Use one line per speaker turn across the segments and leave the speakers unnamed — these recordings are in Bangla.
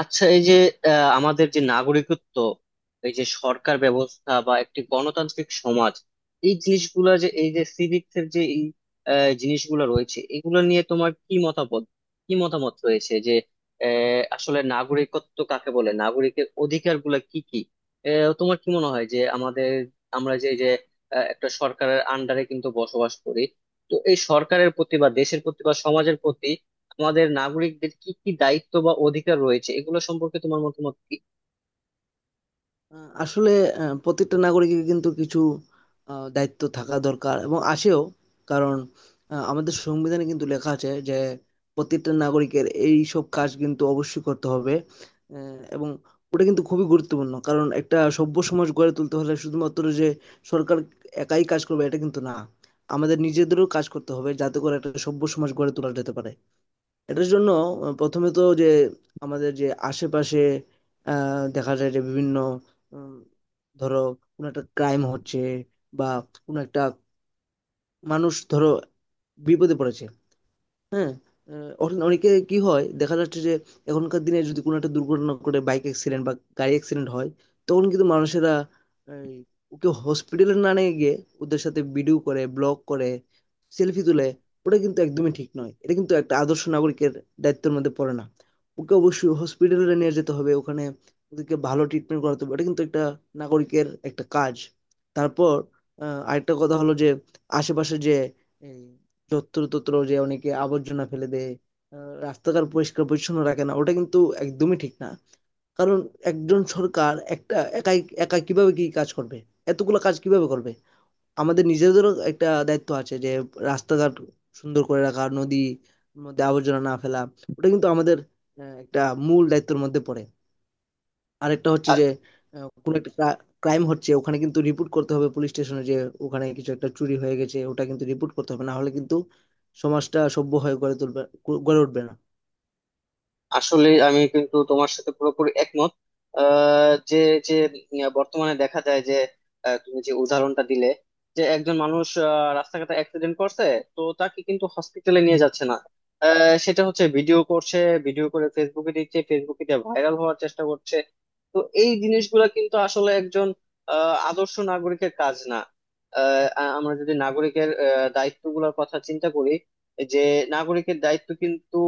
আচ্ছা, এই যে আহ, আমাদের যে নাগরিকত্ব, এই যে সরকার ব্যবস্থা বা একটি গণতান্ত্রিক সমাজ, এই জিনিসগুলো যে এই যে সিভিক্স এর যে এই জিনিসগুলো রয়েছে, এগুলো নিয়ে তোমার কি মতামত, কি মতামত রয়েছে যে আসলে নাগরিকত্ব কাকে বলে, নাগরিকের অধিকার গুলা কি কি? তোমার কি মনে হয় যে আমাদের, আমরা যে যে একটা সরকারের আন্ডারে কিন্তু বসবাস করি, তো এই সরকারের প্রতি বা দেশের প্রতি বা সমাজের প্রতি আমাদের নাগরিকদের কি কি দায়িত্ব বা অধিকার রয়েছে এগুলো সম্পর্কে তোমার মতামত কি?
আসলে প্রত্যেকটা নাগরিকের কিন্তু কিছু দায়িত্ব থাকা দরকার এবং আসেও। কারণ আমাদের সংবিধানে কিন্তু লেখা আছে যে প্রত্যেকটা নাগরিকের এই সব কাজ কিন্তু অবশ্যই করতে হবে। আহ, এবং ওটা কিন্তু খুবই গুরুত্বপূর্ণ কারণ একটা সভ্য সমাজ গড়ে তুলতে হলে শুধুমাত্র যে সরকার একাই কাজ করবে এটা কিন্তু না, আমাদের নিজেদেরও কাজ করতে হবে যাতে করে একটা সভ্য সমাজ গড়ে তোলা যেতে পারে। এটার জন্য প্রথমে তো যে আমাদের যে আশেপাশে আহ, দেখা যায় যে বিভিন্ন উম, ধরো কোনো একটা ক্রাইম হচ্ছে বা কোনো একটা মানুষ ধরো বিপদে পড়েছে। হ্যাঁ? আ অন অনেকে কি হয় দেখা যাচ্ছে যে এখনকার দিনে যদি কোনো একটা দুর্ঘটনা ঘটে বাইক অ্যাক্সিডেন্ট বা গাড়ি অ্যাক্সিডেন্ট হয়, তখন কিন্তু মানুষেরা এই ওকে হসপিটালে না নিয়ে গিয়ে ওদের সাথে ভিডিও করে, ব্লগ করে, সেলফি তুলে, ওটা কিন্তু একদমই ঠিক নয়। এটা কিন্তু একটা আদর্শ নাগরিকের দায়িত্বের মধ্যে পড়ে না। ওকে অবশ্যই হসপিটালে নিয়ে যেতে হবে, ওখানে ওদেরকে ভালো ট্রিটমেন্ট করাতে হবে। এটা কিন্তু একটা নাগরিকের একটা কাজ। তারপর আরেকটা কথা হলো যে আশেপাশে যে এই যত্রতত্র যে অনেকে আবর্জনা ফেলে দেয়, রাস্তাঘাট পরিষ্কার পরিচ্ছন্ন রাখে না, ওটা কিন্তু একদমই ঠিক না। কারণ একজন সরকার একটা একাই একা কিভাবে কি কাজ করবে, এতগুলো কাজ কিভাবে করবে? আমাদের নিজেদেরও একটা দায়িত্ব আছে যে রাস্তাঘাট সুন্দর করে রাখা, নদী মধ্যে আবর্জনা না ফেলা, ওটা কিন্তু আমাদের একটা মূল দায়িত্বের মধ্যে পড়ে। আরেকটা হচ্ছে
আর
যে কোনো একটা ক্রাইম হচ্ছে ওখানে কিন্তু রিপোর্ট করতে হবে পুলিশ স্টেশনে, যে ওখানে কিছু একটা চুরি হয়ে গেছে ওটা কিন্তু রিপোর্ট করতে হবে, না হলে কিন্তু সমাজটা সভ্য হয়ে গড়ে তুলবে, গড়ে উঠবে না।
আসলে আমি কিন্তু তোমার সাথে পুরোপুরি একমত আহ, যে যে উম, বর্তমানে দেখা যায় যে তুমি যে উদাহরণটা দিলে, যে একজন মানুষ রাস্তাঘাটে অ্যাক্সিডেন্ট করছে, তো তাকে কিন্তু হসপিটালে নিয়ে যাচ্ছে না, সেটা হচ্ছে ভিডিও করছে, ভিডিও করে ফেসবুকে দিচ্ছে, ফেসবুকে দিয়ে ভাইরাল হওয়ার চেষ্টা করছে। তো এই জিনিসগুলো কিন্তু আসলে একজন আদর্শ নাগরিকের কাজ না। আমরা যদি নাগরিকের দায়িত্বগুলোর কথা চিন্তা করি, যে নাগরিকের দায়িত্ব কিন্তু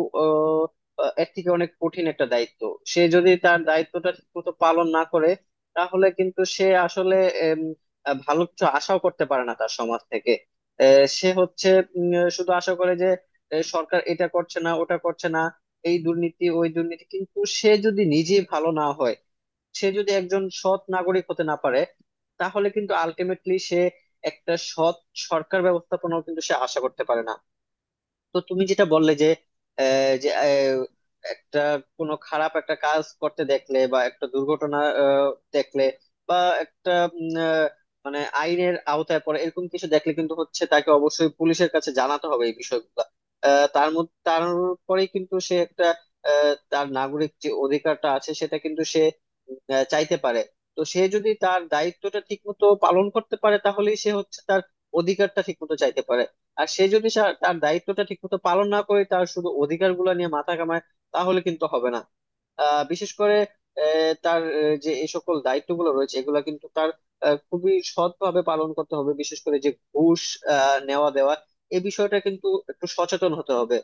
এর থেকে অনেক কঠিন একটা দায়িত্ব। সে যদি তার দায়িত্বটা ঠিকমতো পালন না করে, তাহলে কিন্তু সে আসলে এম, ভালো কিছু আশাও করতে পারে না তার সমাজ থেকে। আহ, সে হচ্ছে শুধু আশা করে যে সরকার এটা করছে না ওটা করছে না, এই দুর্নীতি ওই দুর্নীতি, কিন্তু সে যদি নিজে ভালো না হয়, সে যদি একজন সৎ নাগরিক হতে না পারে, তাহলে কিন্তু আলটিমেটলি সে একটা সৎ সরকার ব্যবস্থাপনাও কিন্তু সে আশা করতে পারে না। তো তুমি যেটা বললে যে, আহ, যে আহ, একটা কোনো খারাপ একটা কাজ করতে দেখলে বা একটা দুর্ঘটনা দেখলে, বা একটা উম, আহ, মানে আইনের আওতায় পড়ে এরকম কিছু দেখলে কিন্তু হচ্ছে তাকে অবশ্যই পুলিশের কাছে জানাতে হবে এই বিষয়গুলো। তার মধ্যে তারপরেই কিন্তু সে একটা, তার নাগরিক যে অধিকারটা আছে সেটা কিন্তু সে চাইতে পারে। তো সে যদি তার দায়িত্বটা ঠিক মতো পালন করতে পারে তাহলেই সে হচ্ছে তার অধিকারটা ঠিক মতো চাইতে পারে। আর সে যদি তার দায়িত্বটা ঠিকমতো পালন না করে, তার শুধু অধিকার গুলা নিয়ে মাথা কামায়, তাহলে কিন্তু হবে না। বিশেষ করে যে এই সকল দায়িত্বগুলো রয়েছে এগুলা কিন্তু তার খুবই সৎভাবে পালন করতে হবে, বিশেষ করে যে ঘুষ নেওয়া দেওয়া এই বিষয়টা কিন্তু একটু সচেতন হতে হবে।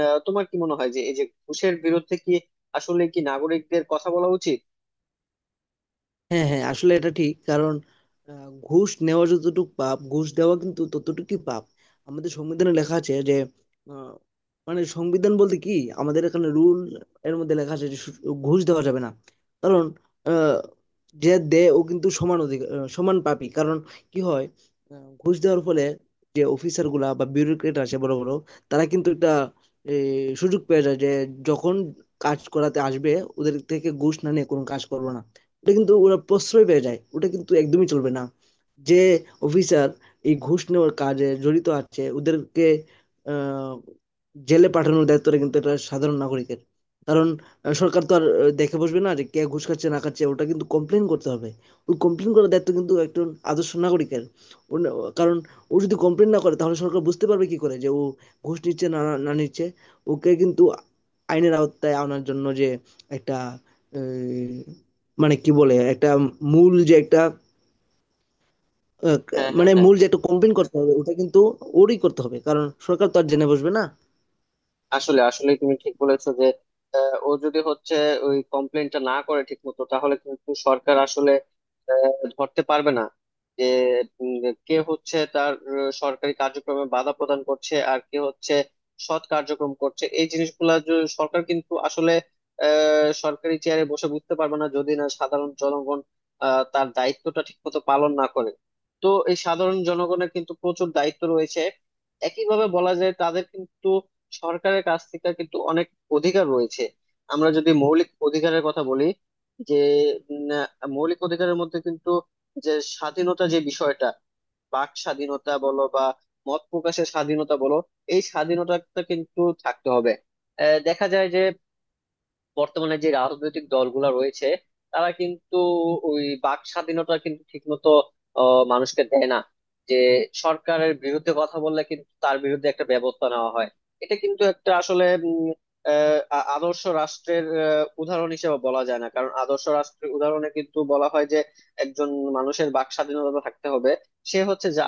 তোমার কি মনে হয় যে এই যে ঘুষের বিরুদ্ধে কি, আসলে কি নাগরিকদের কথা বলা উচিত?
হ্যাঁ, হ্যাঁ, আসলে এটা ঠিক। কারণ ঘুষ নেওয়া যতটুকু পাপ, ঘুষ দেওয়া কিন্তু ততটুকুই পাপ। আমাদের সংবিধানে লেখা আছে যে আহ, মানে সংবিধান বলতে কি আমাদের এখানে রুল এর মধ্যে লেখা আছে যে ঘুষ দেওয়া যাবে না। কারণ আহ, যে দেয় ও কিন্তু সমান অধিকার, সমান পাপী। কারণ কি হয় ঘুষ দেওয়ার ফলে যে অফিসার গুলা বা বিউরোক্রেট আছে বড় বড়, তারা কিন্তু একটা এ, সুযোগ পেয়ে যায় যে যখন কাজ করাতে আসবে ওদের থেকে ঘুষ না নিয়ে কোনো কাজ করবো না। এটা কিন্তু ওরা প্রশ্রয় পেয়ে যায়, ওটা কিন্তু একদমই চলবে না। যে অফিসার এই ঘুষ নেওয়ার কাজে জড়িত আছে ওদেরকে আহ, জেলে পাঠানোর দায়িত্বটা কিন্তু এটা সাধারণ নাগরিকের। কারণ সরকার তো আর দেখে বসবে না যে কে ঘুষ খাচ্ছে না খাচ্ছে, ওটা কিন্তু কমপ্লেন করতে হবে। ওই কমপ্লেন করার দায়িত্ব কিন্তু একজন আদর্শ নাগরিকের। ও না- কারণ ও যদি কমপ্লেন না করে তাহলে সরকার বুঝতে পারবে কি করে যে ও ঘুষ নিচ্ছে না না নিচ্ছে। ওকে কিন্তু আইনের আওতায় আনার জন্য যে একটা মানে কি বলে? একটা মূল যে একটা আ
হ্যাঁ, হ্যাঁ,
মানে
হ্যাঁ।
মূল যে একটা campaign করতে হবে, ওটা কিন্তু ওরই করতে হবে। কারণ সরকার তো আর জেনে বসবে না।
আসলে আসলে তুমি ঠিক বলেছো যে ও যদি হচ্ছে ওই কমপ্লেনটা না করে ঠিক মতো, তাহলে কিন্তু সরকার আসলে আহ, ধরতে পারবে না যে উম, কে হচ্ছে তার সরকারি কার্যক্রমে বাধা প্রদান করছে আর কে হচ্ছে সৎ কার্যক্রম করছে। এই জিনিসগুলা সরকার কিন্তু আসলে সরকারি চেয়ারে বসে বুঝতে পারবে না যদি না সাধারণ জনগণ তার দায়িত্বটা ঠিক মতো পালন না করে। তো এই সাধারণ জনগণের কিন্তু প্রচুর দায়িত্ব রয়েছে। একইভাবে বলা যায় তাদের কিন্তু সরকারের কাছ থেকে কিন্তু অনেক অধিকার রয়েছে। আমরা যদি মৌলিক অধিকারের কথা বলি, যে মৌলিক অধিকারের মধ্যে কিন্তু যে স্বাধীনতা যে বিষয়টা, বাক স্বাধীনতা বলো বা মত প্রকাশের স্বাধীনতা বলো, এই স্বাধীনতাটা কিন্তু থাকতে হবে। দেখা যায় যে বর্তমানে যে রাজনৈতিক দলগুলো রয়েছে তারা কিন্তু ওই বাক স্বাধীনতা কিন্তু ঠিকমতো মানুষকে দেয় না। যে সরকারের বিরুদ্ধে কথা বললে কিন্তু তার বিরুদ্ধে একটা ব্যবস্থা নেওয়া হয়। এটা কিন্তু একটা আসলে আদর্শ রাষ্ট্রের উদাহরণ হিসেবে বলা যায় না, কারণ আদর্শ রাষ্ট্রের উদাহরণে কিন্তু বলা হয় যে একজন মানুষের বাক স্বাধীনতা থাকতে হবে। সে হচ্ছে যা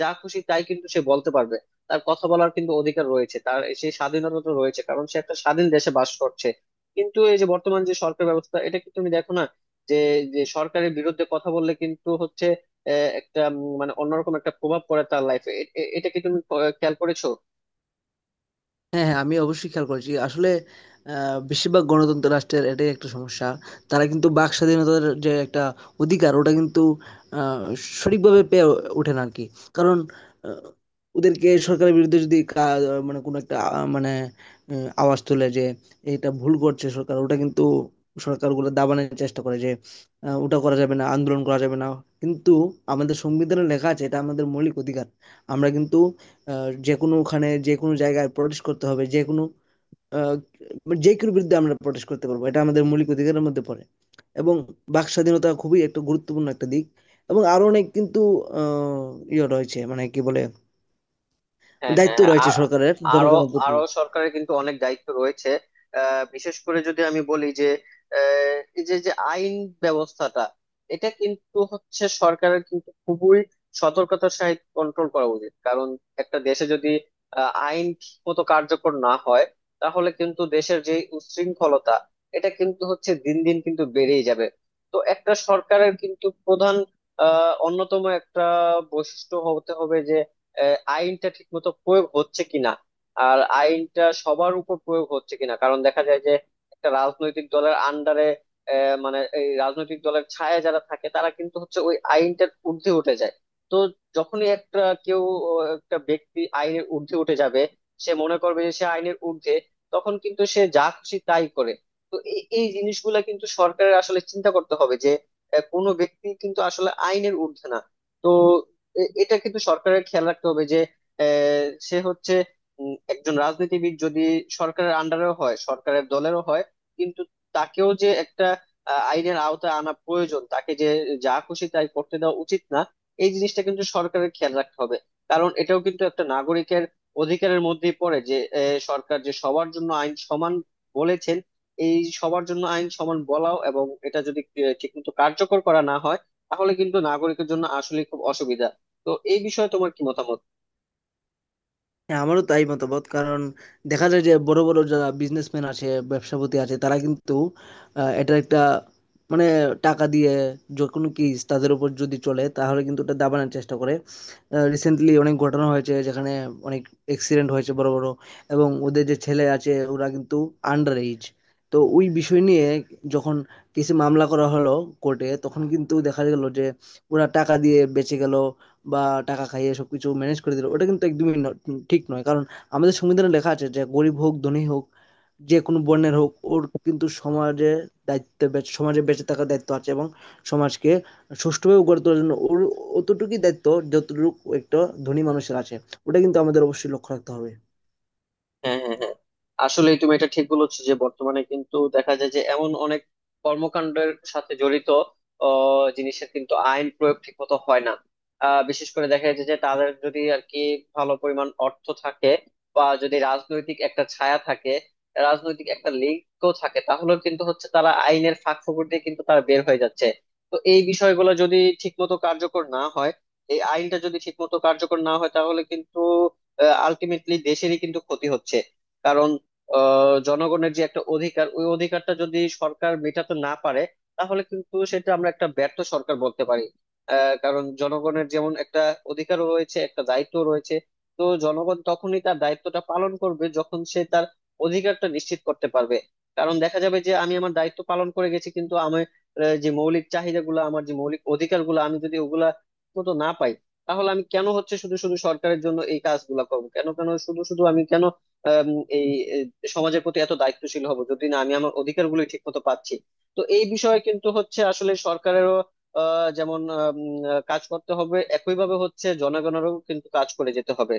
যা খুশি তাই কিন্তু সে বলতে পারবে। তার কথা বলার কিন্তু অধিকার রয়েছে, তার সেই স্বাধীনতা তো রয়েছে, কারণ সে একটা স্বাধীন দেশে বাস করছে। কিন্তু এই যে বর্তমান যে সরকার ব্যবস্থা, এটা কি তুমি দেখো না যে যে সরকারের বিরুদ্ধে কথা বললে কিন্তু হচ্ছে একটা মানে অন্যরকম একটা প্রভাব পড়ে তার লাইফে? এটা কি তুমি খেয়াল করেছো?
হ্যাঁ, হ্যাঁ, আমি অবশ্যই খেয়াল করেছি। আসলে বেশিরভাগ গণতন্ত্র রাষ্ট্রের এটাই একটা সমস্যা। তারা কিন্তু বাক স্বাধীনতার যে একটা অধিকার ওটা কিন্তু আহ, সঠিকভাবে পেয়ে ওঠে না আর কি। কারণ আহ, ওদেরকে সরকারের বিরুদ্ধে যদি মানে কোনো একটা মানে আওয়াজ তোলে যে এটা ভুল করছে সরকার, ওটা কিন্তু সরকারগুলো দাবানোর চেষ্টা করে যে ওটা করা যাবে না, আন্দোলন করা যাবে না। কিন্তু আমাদের সংবিধানে লেখা আছে এটা আমাদের মৌলিক অধিকার। আমরা কিন্তু যে কোনো ওখানে যে কোনো জায়গায় প্রটেস্ট করতে হবে, যে কোনো আহ, যে কারোর বিরুদ্ধে আমরা প্রটেস্ট করতে পারবো, এটা আমাদের মৌলিক অধিকারের মধ্যে পড়ে। এবং বাক স্বাধীনতা খুবই একটা গুরুত্বপূর্ণ একটা দিক। এবং আরো অনেক কিন্তু আহ, ইয়ে রয়েছে মানে কি বলে,
হ্যাঁ, হ্যাঁ,
দায়িত্ব
হ্যাঁ,
রয়েছে
আর
সরকারের
আরো
জনগণের প্রতি।
আরো সরকারের কিন্তু অনেক দায়িত্ব রয়েছে। বিশেষ করে যদি আমি বলি যে আহ, এই যে যে আইন ব্যবস্থাটা এটা কিন্তু হচ্ছে সরকারের কিন্তু খুবই সতর্কতার সহিত কন্ট্রোল করা উচিত, কারণ একটা দেশে যদি আইন ঠিক মতো কার্যকর না হয়, তাহলে কিন্তু দেশের যে উচ্ছৃঙ্খলতা এটা কিন্তু হচ্ছে দিন দিন কিন্তু বেড়েই যাবে। তো একটা সরকারের কিন্তু প্রধান অন্যতম একটা বৈশিষ্ট্য হতে হবে যে আইনটা ঠিকমতো প্রয়োগ হচ্ছে কিনা, আর আইনটা সবার উপর প্রয়োগ হচ্ছে কিনা, কারণ দেখা যায় যে একটা রাজনৈতিক দলের আন্ডারে, মানে এই রাজনৈতিক দলের ছায়া যারা থাকে তারা কিন্তু হচ্ছে ওই আইনটার ঊর্ধ্বে উঠে যায়। তো যখনই একটা কেউ, একটা ব্যক্তি আইনের ঊর্ধ্বে উঠে যাবে, সে মনে করবে যে সে আইনের ঊর্ধ্বে, তখন কিন্তু সে যা খুশি তাই করে। তো এই এই জিনিসগুলা কিন্তু সরকারের আসলে চিন্তা করতে হবে যে কোনো ব্যক্তি কিন্তু আসলে আইনের ঊর্ধ্বে না। তো এটা কিন্তু সরকারের খেয়াল রাখতে হবে যে সে হচ্ছে, একজন রাজনীতিবিদ যদি সরকারের আন্ডারেও হয়, সরকারের দলেরও হয়, কিন্তু তাকেও যে একটা আইনের আওতায় আনা প্রয়োজন, তাকে যে যা খুশি তাই করতে দেওয়া উচিত না। এই জিনিসটা কিন্তু সরকারের খেয়াল রাখতে হবে, কারণ এটাও কিন্তু একটা নাগরিকের অধিকারের মধ্যেই পড়ে যে সরকার যে সবার জন্য আইন সমান বলেছেন। এই সবার জন্য আইন সমান বলাও এবং এটা যদি ঠিক মতো কার্যকর করা না হয়, তাহলে কিন্তু নাগরিকের জন্য আসলে খুব অসুবিধা। তো এই বিষয়ে তোমার কি মতামত?
হ্যাঁ, আমারও তাই মতামত। কারণ দেখা যায় যে বড় বড় যারা বিজনেসম্যান আছে, ব্যবসাপতি আছে, তারা কিন্তু এটা একটা মানে টাকা দিয়ে যে কোনো কেস তাদের উপর যদি চলে তাহলে কিন্তু এটা দাবানোর চেষ্টা করে। রিসেন্টলি অনেক ঘটনা হয়েছে যেখানে অনেক অ্যাক্সিডেন্ট হয়েছে বড় বড়, এবং ওদের যে ছেলে আছে ওরা কিন্তু আন্ডার এজ। তো ওই বিষয় নিয়ে যখন কিছু মামলা করা হলো কোর্টে তখন কিন্তু দেখা গেল যে ওরা টাকা দিয়ে বেঁচে গেল বা টাকা খাইয়ে সবকিছু ম্যানেজ করে দিল, ওটা কিন্তু একদমই ঠিক নয়। কারণ আমাদের সংবিধানে লেখা আছে যে গরিব হোক ধনী হোক, যে কোনো বর্ণের হোক, ওর কিন্তু সমাজে দায়িত্ব সমাজে বেঁচে থাকার দায়িত্ব আছে এবং সমাজকে সুষ্ঠুভাবে গড়ে তোলার জন্য ওর অতটুকুই দায়িত্ব যতটুকু একটা ধনী মানুষের আছে। ওটা কিন্তু আমাদের অবশ্যই লক্ষ্য রাখতে হবে।
হ্যাঁ, হ্যাঁ, হ্যাঁ। আসলে তুমি এটা ঠিক বলেছো যে বর্তমানে কিন্তু দেখা যায় যে এমন অনেক কর্মকাণ্ডের সাথে জড়িত জিনিসের কিন্তু আইন প্রয়োগ ঠিক মতো হয় না। বিশেষ করে দেখা যাচ্ছে যে তাদের যদি আর কি ভালো পরিমাণ অর্থ থাকে, বা যদি রাজনৈতিক একটা ছায়া থাকে, রাজনৈতিক একটা লিঙ্ক থাকে, তাহলে কিন্তু হচ্ছে তারা আইনের ফাঁক ফোকর দিয়ে কিন্তু তারা বের হয়ে যাচ্ছে। তো এই বিষয়গুলো যদি ঠিক মতো কার্যকর না হয়, এই আইনটা যদি ঠিক মতো কার্যকর না হয়, তাহলে কিন্তু আলটিমেটলি দেশেরই কিন্তু ক্ষতি হচ্ছে। কারণ জনগণের যে একটা অধিকার, ওই অধিকারটা যদি সরকার মেটাতে না পারে, তাহলে কিন্তু সেটা আমরা একটা ব্যর্থ সরকার বলতে পারি। কারণ জনগণের যেমন একটা অধিকারও রয়েছে, একটা দায়িত্ব রয়েছে। তো জনগণ তখনই তার দায়িত্বটা পালন করবে যখন সে তার অধিকারটা নিশ্চিত করতে পারবে। কারণ দেখা যাবে যে আমি আমার দায়িত্ব পালন করে গেছি, কিন্তু আমি যে মৌলিক চাহিদাগুলো আমার, যে মৌলিক অধিকারগুলো আমি যদি ওগুলা মতো না পাই, তাহলে আমি কেন হচ্ছে শুধু শুধু সরকারের জন্য এই কাজগুলা করব, কেন কেন শুধু শুধু আমি কেন আম, এই এই সমাজের প্রতি এত দায়িত্বশীল হব যদি না আমি আমার অধিকারগুলো ঠিক মতো পাচ্ছি? তো এই বিষয়ে কিন্তু হচ্ছে আসলে সরকারেরও আহ, যেমন আম, আহ, কাজ করতে হবে, একইভাবে হচ্ছে জনগণেরও কিন্তু কাজ করে যেতে হবে।